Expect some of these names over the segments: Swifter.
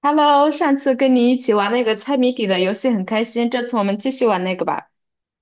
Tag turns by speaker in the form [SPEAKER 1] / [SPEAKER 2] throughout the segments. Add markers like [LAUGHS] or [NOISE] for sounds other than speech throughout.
[SPEAKER 1] Hello，上次跟你一起玩那个猜谜底的游戏很开心，这次我们继续玩那个吧。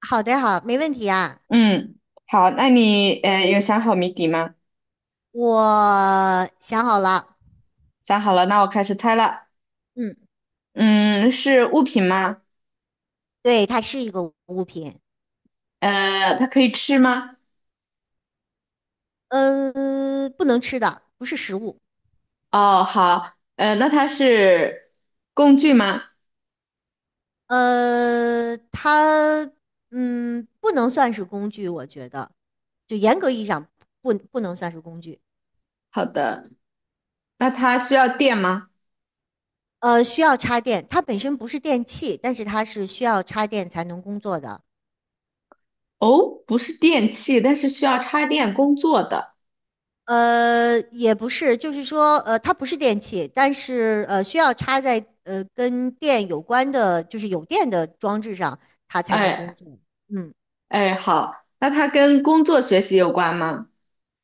[SPEAKER 2] 好的，好，没问题啊。
[SPEAKER 1] 嗯，好，那你有想好谜底吗？
[SPEAKER 2] 我想好了，
[SPEAKER 1] 想好了，那我开始猜了。
[SPEAKER 2] 嗯，
[SPEAKER 1] 嗯，是物品吗？
[SPEAKER 2] 对，它是一个物品，
[SPEAKER 1] 它可以吃吗？
[SPEAKER 2] 呃，不能吃的，不是食物，
[SPEAKER 1] 哦，好，那它是工具吗？
[SPEAKER 2] 呃，它，不能算是工具，我觉得，就严格意义上不能算是工具，
[SPEAKER 1] 好的，那它需要电吗？
[SPEAKER 2] 需要插电，它本身不是电器，但是它是需要插电才能工作的，
[SPEAKER 1] 哦，不是电器，但是需要插电工作的。
[SPEAKER 2] 也不是，就是说，它不是电器，但是需要插在跟电有关的，就是有电的装置上，它才能工
[SPEAKER 1] 哎
[SPEAKER 2] 作。嗯，
[SPEAKER 1] 哎，好，那它跟工作学习有关吗？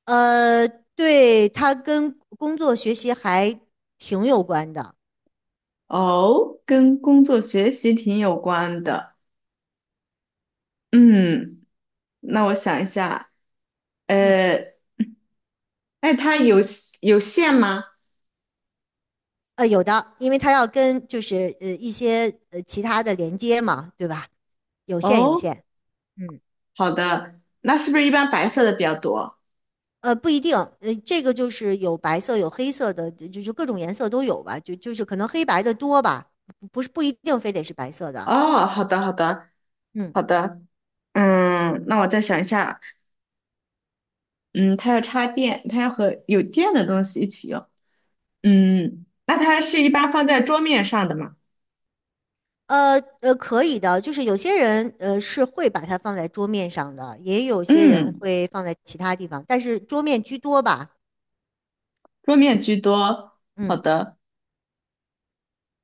[SPEAKER 2] 呃，对，它跟工作学习还挺有关的。
[SPEAKER 1] 哦，跟工作学习挺有关的。嗯，那我想一下，
[SPEAKER 2] 嗯，
[SPEAKER 1] 呃，那它有线吗？
[SPEAKER 2] 有的，因为它要跟就是一些其他的连接嘛，对吧？有线，有
[SPEAKER 1] 哦，
[SPEAKER 2] 线。嗯。
[SPEAKER 1] 好的，那是不是一般白色的比较多？
[SPEAKER 2] 不一定，这个就是有白色，有黑色的，就各种颜色都有吧，就是可能黑白的多吧，不是不一定非得是白色的，
[SPEAKER 1] 哦，好的，好的，
[SPEAKER 2] 嗯，
[SPEAKER 1] 好的。嗯，那我再想一下，嗯，它要插电，它要和有电的东西一起用。嗯，那它是一般放在桌面上的吗？
[SPEAKER 2] 可以的，就是有些人是会把它放在桌面上的，也有些人
[SPEAKER 1] 嗯，
[SPEAKER 2] 会放在其他地方，但是桌面居多吧。
[SPEAKER 1] 桌面居多。好
[SPEAKER 2] 嗯，
[SPEAKER 1] 的。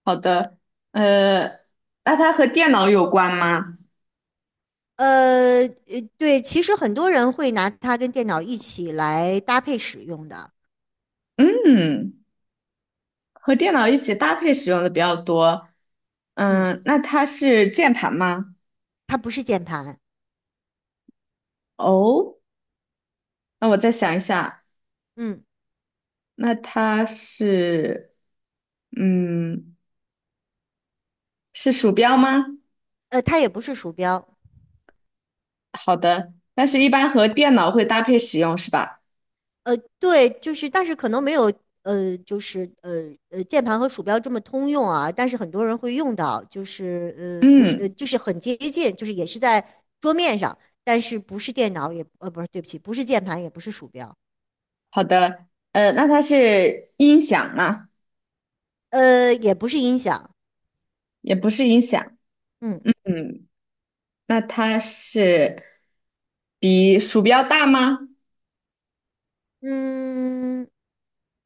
[SPEAKER 1] 好的，呃，那它和电脑有关吗？
[SPEAKER 2] 对，其实很多人会拿它跟电脑一起来搭配使用的。
[SPEAKER 1] 嗯，和电脑一起搭配使用的比较多。
[SPEAKER 2] 嗯，
[SPEAKER 1] 嗯，那它是键盘吗？
[SPEAKER 2] 它不是键盘。
[SPEAKER 1] 哦，那我再想一下，
[SPEAKER 2] 嗯，
[SPEAKER 1] 那它是，嗯，是鼠标吗？
[SPEAKER 2] 它也不是鼠标。
[SPEAKER 1] 好的，但是一般和电脑会搭配使用是吧？
[SPEAKER 2] 对，就是，但是可能没有，就是键盘和鼠标这么通用啊，但是很多人会用到，就是不是，
[SPEAKER 1] 嗯，
[SPEAKER 2] 就是很接近，就是也是在桌面上，但是不是电脑也，不是，对不起，不是键盘，也不是鼠标。
[SPEAKER 1] 好的，那它是音响吗？
[SPEAKER 2] 也不是音响。
[SPEAKER 1] 也不是音响。
[SPEAKER 2] 嗯
[SPEAKER 1] 嗯。那它是比鼠标大吗？
[SPEAKER 2] 嗯，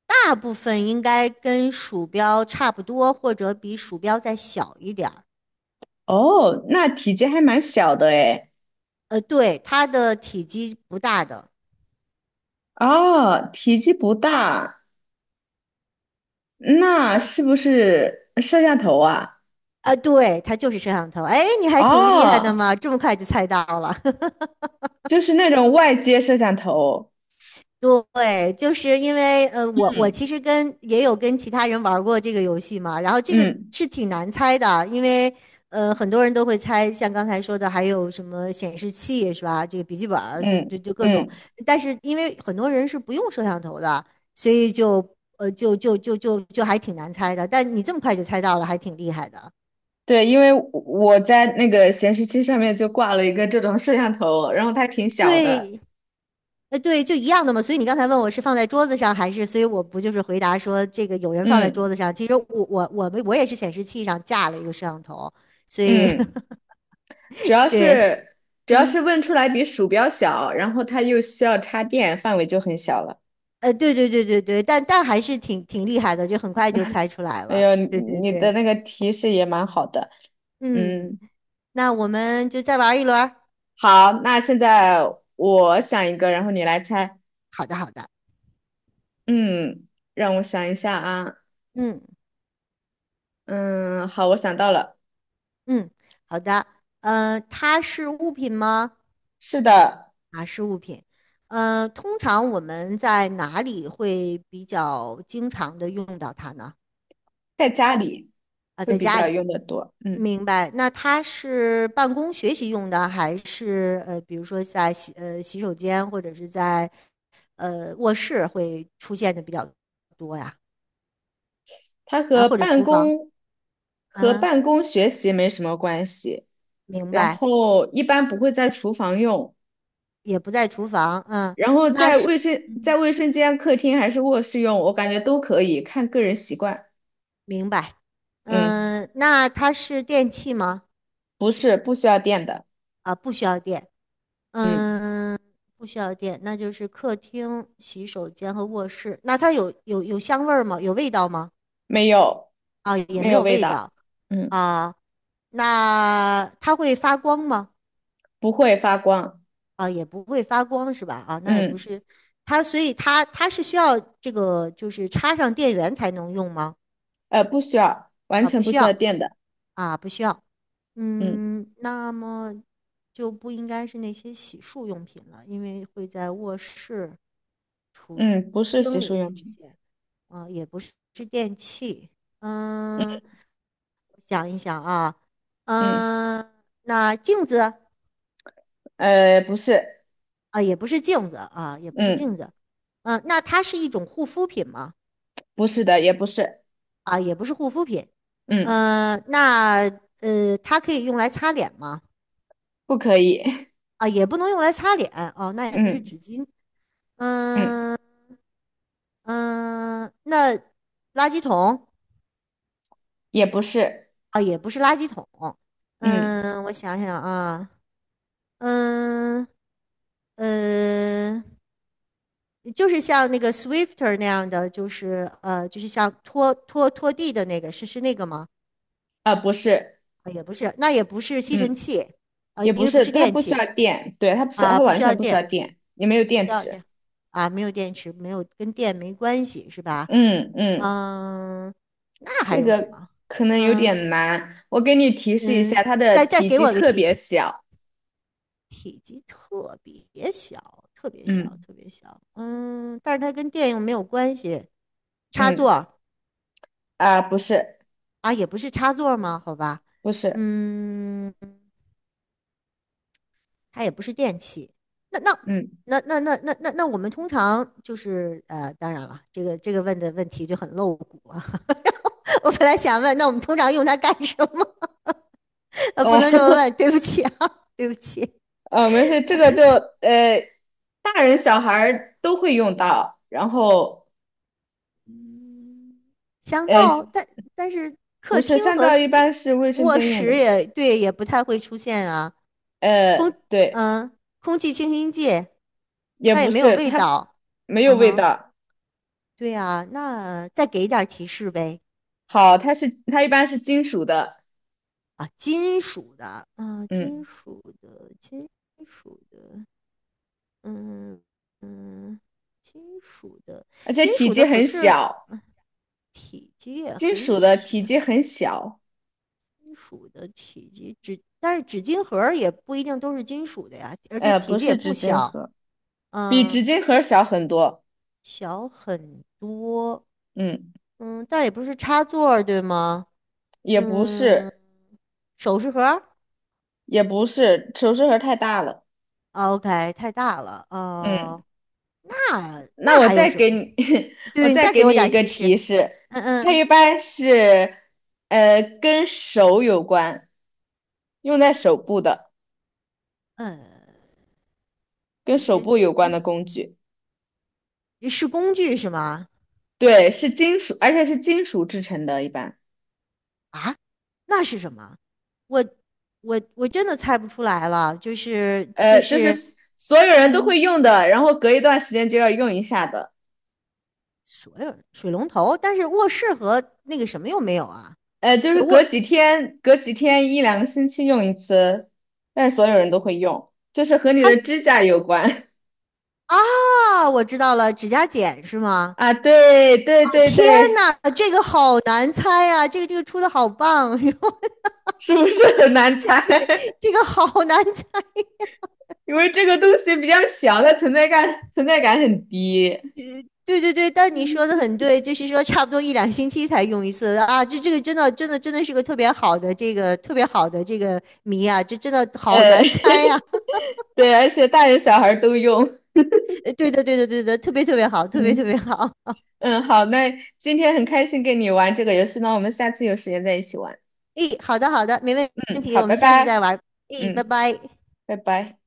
[SPEAKER 2] 大部分应该跟鼠标差不多，或者比鼠标再小一点儿。
[SPEAKER 1] 哦，那体积还蛮小的诶。
[SPEAKER 2] 对，它的体积不大的。
[SPEAKER 1] 哦，体积不大，那是不是摄像头啊？
[SPEAKER 2] 啊，对，它就是摄像头。哎，你还挺厉害的
[SPEAKER 1] 哦，
[SPEAKER 2] 嘛，这么快就猜到了。
[SPEAKER 1] 就是那种外接摄像头。
[SPEAKER 2] [LAUGHS] 对，就是因为我其
[SPEAKER 1] 嗯
[SPEAKER 2] 实跟也有跟其他人玩过这个游戏嘛，然后这个
[SPEAKER 1] 嗯
[SPEAKER 2] 是挺难猜的，因为很多人都会猜，像刚才说的，还有什么显示器是吧？这个笔记本儿，就对，
[SPEAKER 1] 嗯，
[SPEAKER 2] 就各种。
[SPEAKER 1] 嗯，
[SPEAKER 2] 但是因为很多人是不用摄像头的，所以就还挺难猜的。但你这么快就猜到了，还挺厉害的。
[SPEAKER 1] 对，因为我在那个显示器上面就挂了一个这种摄像头，然后它挺小的。
[SPEAKER 2] 对，对，就一样的嘛。所以你刚才问我是放在桌子上还是，所以我不就是回答说这个有人放在桌
[SPEAKER 1] 嗯
[SPEAKER 2] 子上。其实我们也是显示器上架了一个摄像头，所以
[SPEAKER 1] 嗯。
[SPEAKER 2] [LAUGHS]
[SPEAKER 1] 主要
[SPEAKER 2] 对，
[SPEAKER 1] 是主要是
[SPEAKER 2] 嗯，
[SPEAKER 1] 问出来比鼠标小，然后它又需要插电，范围就很小了。
[SPEAKER 2] 对对对对对，但还是挺厉害的，就很快就猜出来
[SPEAKER 1] 哎
[SPEAKER 2] 了。
[SPEAKER 1] 呦，
[SPEAKER 2] 对对
[SPEAKER 1] 你的
[SPEAKER 2] 对，
[SPEAKER 1] 那个提示也蛮好的。
[SPEAKER 2] 嗯，
[SPEAKER 1] 嗯，
[SPEAKER 2] 那我们就再玩一轮儿。
[SPEAKER 1] 好，那现在我想一个，然后你来猜。
[SPEAKER 2] 好的，
[SPEAKER 1] 嗯，让我想一下啊。
[SPEAKER 2] 嗯
[SPEAKER 1] 嗯，好，我想到了，
[SPEAKER 2] 嗯，好的。它是物品吗？
[SPEAKER 1] 是的，
[SPEAKER 2] 啊，是物品。通常我们在哪里会比较经常的用到它呢？
[SPEAKER 1] 在家里
[SPEAKER 2] 啊，
[SPEAKER 1] 会
[SPEAKER 2] 在
[SPEAKER 1] 比
[SPEAKER 2] 家
[SPEAKER 1] 较
[SPEAKER 2] 里，
[SPEAKER 1] 用的多。嗯，
[SPEAKER 2] 明白。那它是办公学习用的，还是比如说在洗手间或者是在卧室会出现的比较多呀？
[SPEAKER 1] 它
[SPEAKER 2] 啊，
[SPEAKER 1] 和
[SPEAKER 2] 或者
[SPEAKER 1] 办
[SPEAKER 2] 厨房？
[SPEAKER 1] 公
[SPEAKER 2] 嗯
[SPEAKER 1] 和
[SPEAKER 2] 哼，
[SPEAKER 1] 办公学习没什么关系，
[SPEAKER 2] 明
[SPEAKER 1] 然
[SPEAKER 2] 白。
[SPEAKER 1] 后一般不会在厨房用。
[SPEAKER 2] 也不在厨房，嗯，
[SPEAKER 1] 然后
[SPEAKER 2] 那
[SPEAKER 1] 在
[SPEAKER 2] 是，嗯，
[SPEAKER 1] 卫生间、客厅还是卧室用，我感觉都可以，看个人习惯。
[SPEAKER 2] 明白。
[SPEAKER 1] 嗯，
[SPEAKER 2] 嗯，那它是电器吗？
[SPEAKER 1] 不需要电的，
[SPEAKER 2] 啊，不需要电。
[SPEAKER 1] 嗯，
[SPEAKER 2] 嗯，不需要电，那就是客厅、洗手间和卧室。那它有香味儿吗？有味道吗？
[SPEAKER 1] 没有
[SPEAKER 2] 啊，也没有
[SPEAKER 1] 味
[SPEAKER 2] 味
[SPEAKER 1] 道，
[SPEAKER 2] 道
[SPEAKER 1] 嗯，
[SPEAKER 2] 啊。那它会发光吗？
[SPEAKER 1] 不会发光，
[SPEAKER 2] 啊，也不会发光是吧？啊，那也不
[SPEAKER 1] 嗯，
[SPEAKER 2] 是它，所以它是需要这个就是插上电源才能用吗？
[SPEAKER 1] 不需要，完
[SPEAKER 2] 啊，
[SPEAKER 1] 全
[SPEAKER 2] 不
[SPEAKER 1] 不
[SPEAKER 2] 需
[SPEAKER 1] 需要
[SPEAKER 2] 要
[SPEAKER 1] 电的，
[SPEAKER 2] 啊，不需要。
[SPEAKER 1] 嗯
[SPEAKER 2] 嗯，那么就不应该是那些洗漱用品了，因为会在卧室、
[SPEAKER 1] 嗯，不是洗
[SPEAKER 2] 厅
[SPEAKER 1] 漱
[SPEAKER 2] 里
[SPEAKER 1] 用
[SPEAKER 2] 出
[SPEAKER 1] 品，
[SPEAKER 2] 现。啊，也不是电器。
[SPEAKER 1] 嗯
[SPEAKER 2] 嗯，我想一想啊。
[SPEAKER 1] 嗯，
[SPEAKER 2] 嗯，那镜子。
[SPEAKER 1] 不是，
[SPEAKER 2] 啊，也不是镜子啊，也不是
[SPEAKER 1] 嗯，
[SPEAKER 2] 镜子。嗯，那它是一种护肤品吗？
[SPEAKER 1] 不是的，也不是，
[SPEAKER 2] 啊，也不是护肤品。
[SPEAKER 1] 嗯，
[SPEAKER 2] 嗯，那它可以用来擦脸吗？
[SPEAKER 1] 不可以，
[SPEAKER 2] 啊，也不能用来擦脸。哦，那
[SPEAKER 1] [LAUGHS]
[SPEAKER 2] 也不是
[SPEAKER 1] 嗯
[SPEAKER 2] 纸巾。
[SPEAKER 1] 嗯，
[SPEAKER 2] 嗯嗯，那垃圾桶。
[SPEAKER 1] 也不是，
[SPEAKER 2] 啊，也不是垃圾桶。
[SPEAKER 1] 嗯
[SPEAKER 2] 嗯，我想想啊。嗯呃，就是像那个 Swifter 那样的，就是就是像拖地的那个，是那个吗？
[SPEAKER 1] 啊，不是，
[SPEAKER 2] 啊，也不是，那也不是吸尘
[SPEAKER 1] 嗯。
[SPEAKER 2] 器。啊，
[SPEAKER 1] 也
[SPEAKER 2] 因
[SPEAKER 1] 不
[SPEAKER 2] 为不
[SPEAKER 1] 是，
[SPEAKER 2] 是
[SPEAKER 1] 它
[SPEAKER 2] 电
[SPEAKER 1] 不需
[SPEAKER 2] 器
[SPEAKER 1] 要电，对，它不需要，
[SPEAKER 2] 啊，
[SPEAKER 1] 它
[SPEAKER 2] 不
[SPEAKER 1] 完
[SPEAKER 2] 需要
[SPEAKER 1] 全不需要
[SPEAKER 2] 电，
[SPEAKER 1] 电，也没有
[SPEAKER 2] 不
[SPEAKER 1] 电
[SPEAKER 2] 需要
[SPEAKER 1] 池。
[SPEAKER 2] 电啊，没有电池，没有跟电没关系是吧？
[SPEAKER 1] 嗯嗯，
[SPEAKER 2] 嗯，那还
[SPEAKER 1] 这
[SPEAKER 2] 有什
[SPEAKER 1] 个
[SPEAKER 2] 么？
[SPEAKER 1] 可能有
[SPEAKER 2] 嗯
[SPEAKER 1] 点难，我给你提示一
[SPEAKER 2] 嗯，
[SPEAKER 1] 下，它的
[SPEAKER 2] 再
[SPEAKER 1] 体
[SPEAKER 2] 给
[SPEAKER 1] 积
[SPEAKER 2] 我个
[SPEAKER 1] 特
[SPEAKER 2] 提
[SPEAKER 1] 别
[SPEAKER 2] 示。
[SPEAKER 1] 小。
[SPEAKER 2] 体积特别小，特别小，
[SPEAKER 1] 嗯
[SPEAKER 2] 特别小。嗯，但是它跟电影没有关系。插
[SPEAKER 1] 嗯，
[SPEAKER 2] 座。
[SPEAKER 1] 啊、
[SPEAKER 2] 啊，也不是插座吗？好吧。
[SPEAKER 1] 不是，
[SPEAKER 2] 嗯，它也不是电器。那那
[SPEAKER 1] 嗯
[SPEAKER 2] 那我们通常就是当然了，这个问的问题就很露骨啊。[LAUGHS] 我本来想问，那我们通常用它干什么？[LAUGHS] 不
[SPEAKER 1] 哦
[SPEAKER 2] 能这么问，
[SPEAKER 1] [LAUGHS]
[SPEAKER 2] 对不起啊，对不起。
[SPEAKER 1] 没事，这个就呃，大人小孩儿都会用到，然后
[SPEAKER 2] 嗯香
[SPEAKER 1] 呃，
[SPEAKER 2] 皂，但是
[SPEAKER 1] 不
[SPEAKER 2] 客
[SPEAKER 1] 是
[SPEAKER 2] 厅
[SPEAKER 1] 香
[SPEAKER 2] 和
[SPEAKER 1] 皂一般是卫生
[SPEAKER 2] 卧
[SPEAKER 1] 间用的
[SPEAKER 2] 室
[SPEAKER 1] 嘛？
[SPEAKER 2] 也对，也不太会出现啊。空，
[SPEAKER 1] 呃，对，
[SPEAKER 2] 空气清新剂，
[SPEAKER 1] 也
[SPEAKER 2] 但也
[SPEAKER 1] 不
[SPEAKER 2] 没有
[SPEAKER 1] 是，
[SPEAKER 2] 味
[SPEAKER 1] 它
[SPEAKER 2] 道。
[SPEAKER 1] 没有
[SPEAKER 2] 嗯
[SPEAKER 1] 味
[SPEAKER 2] 哼，
[SPEAKER 1] 道。
[SPEAKER 2] 对啊，那再给一点儿提示呗。
[SPEAKER 1] 好，它一般是金属的。
[SPEAKER 2] 啊，金属的，啊，
[SPEAKER 1] 嗯，
[SPEAKER 2] 金属的，金属的，嗯嗯，金属的，
[SPEAKER 1] 而且
[SPEAKER 2] 金
[SPEAKER 1] 体
[SPEAKER 2] 属
[SPEAKER 1] 积
[SPEAKER 2] 的可
[SPEAKER 1] 很
[SPEAKER 2] 是
[SPEAKER 1] 小，
[SPEAKER 2] 嗯体积也
[SPEAKER 1] 金
[SPEAKER 2] 很
[SPEAKER 1] 属的
[SPEAKER 2] 小，
[SPEAKER 1] 体积很小，
[SPEAKER 2] 金属的体积纸，但是纸巾盒也不一定都是金属的呀，而且
[SPEAKER 1] 呃，
[SPEAKER 2] 体
[SPEAKER 1] 不
[SPEAKER 2] 积也
[SPEAKER 1] 是
[SPEAKER 2] 不
[SPEAKER 1] 纸巾
[SPEAKER 2] 小。
[SPEAKER 1] 盒，比
[SPEAKER 2] 嗯，
[SPEAKER 1] 纸巾盒小很多。
[SPEAKER 2] 小很多。
[SPEAKER 1] 嗯，
[SPEAKER 2] 嗯，但也不是插座儿对吗？
[SPEAKER 1] 也不
[SPEAKER 2] 嗯，
[SPEAKER 1] 是，
[SPEAKER 2] 首饰盒
[SPEAKER 1] 也不是，首饰盒太大了。
[SPEAKER 2] o k 太大了，
[SPEAKER 1] 嗯，
[SPEAKER 2] 哦、那
[SPEAKER 1] 那
[SPEAKER 2] 那
[SPEAKER 1] 我
[SPEAKER 2] 还有
[SPEAKER 1] 再
[SPEAKER 2] 什
[SPEAKER 1] 给
[SPEAKER 2] 么？
[SPEAKER 1] 你，[LAUGHS] 我
[SPEAKER 2] 对，你
[SPEAKER 1] 再
[SPEAKER 2] 再
[SPEAKER 1] 给
[SPEAKER 2] 给我
[SPEAKER 1] 你
[SPEAKER 2] 点儿
[SPEAKER 1] 一个
[SPEAKER 2] 提示。
[SPEAKER 1] 提示，
[SPEAKER 2] 嗯
[SPEAKER 1] 它
[SPEAKER 2] 嗯
[SPEAKER 1] 一般是，呃，跟手有关，用在手部的，
[SPEAKER 2] 嗯，
[SPEAKER 1] 跟手部有关的工具。
[SPEAKER 2] 是工具是吗？
[SPEAKER 1] 对，是金属，而且是金属制成的，一般。
[SPEAKER 2] 啊，那是什么？我我真的猜不出来了，就是就
[SPEAKER 1] 就是
[SPEAKER 2] 是，
[SPEAKER 1] 所有人都
[SPEAKER 2] 嗯。
[SPEAKER 1] 会用的，然后隔一段时间就要用一下的，
[SPEAKER 2] 所有人水龙头，但是卧室和那个什么又没有啊？
[SPEAKER 1] 就
[SPEAKER 2] 就
[SPEAKER 1] 是隔
[SPEAKER 2] 卧
[SPEAKER 1] 几天，一两个星期用一次，但是所有人都会用，就是和你
[SPEAKER 2] 它。
[SPEAKER 1] 的指甲有关
[SPEAKER 2] 啊，我知道了，指甲剪是
[SPEAKER 1] [LAUGHS]
[SPEAKER 2] 吗？
[SPEAKER 1] 啊，对对对
[SPEAKER 2] 天
[SPEAKER 1] 对，
[SPEAKER 2] 哪，这个好难猜啊！这个出的好棒，[LAUGHS]
[SPEAKER 1] 是不是很难猜？[LAUGHS]
[SPEAKER 2] 这个好难猜。
[SPEAKER 1] 因为这个东西比较小，它存在感很低，
[SPEAKER 2] 对对对，但你说的很对，就是说差不多一两星期才用一次啊。这个真的真的真的是个特别好的这个特别好的这个谜啊，这真的好
[SPEAKER 1] 呃，
[SPEAKER 2] 难猜啊。
[SPEAKER 1] [LAUGHS] 对，而且大人小孩儿都用，
[SPEAKER 2] [LAUGHS] 对的对的对的，特别特别好，特别特别
[SPEAKER 1] 嗯
[SPEAKER 2] 好。
[SPEAKER 1] 嗯，好，那今天很开心跟你玩这个游戏，那我们下次有时间再一起玩，
[SPEAKER 2] 诶，好的好的，没问
[SPEAKER 1] 嗯，
[SPEAKER 2] 题，
[SPEAKER 1] 好，
[SPEAKER 2] 我
[SPEAKER 1] 拜
[SPEAKER 2] 们下次再
[SPEAKER 1] 拜。
[SPEAKER 2] 玩。诶，拜
[SPEAKER 1] 嗯，
[SPEAKER 2] 拜。
[SPEAKER 1] 拜拜。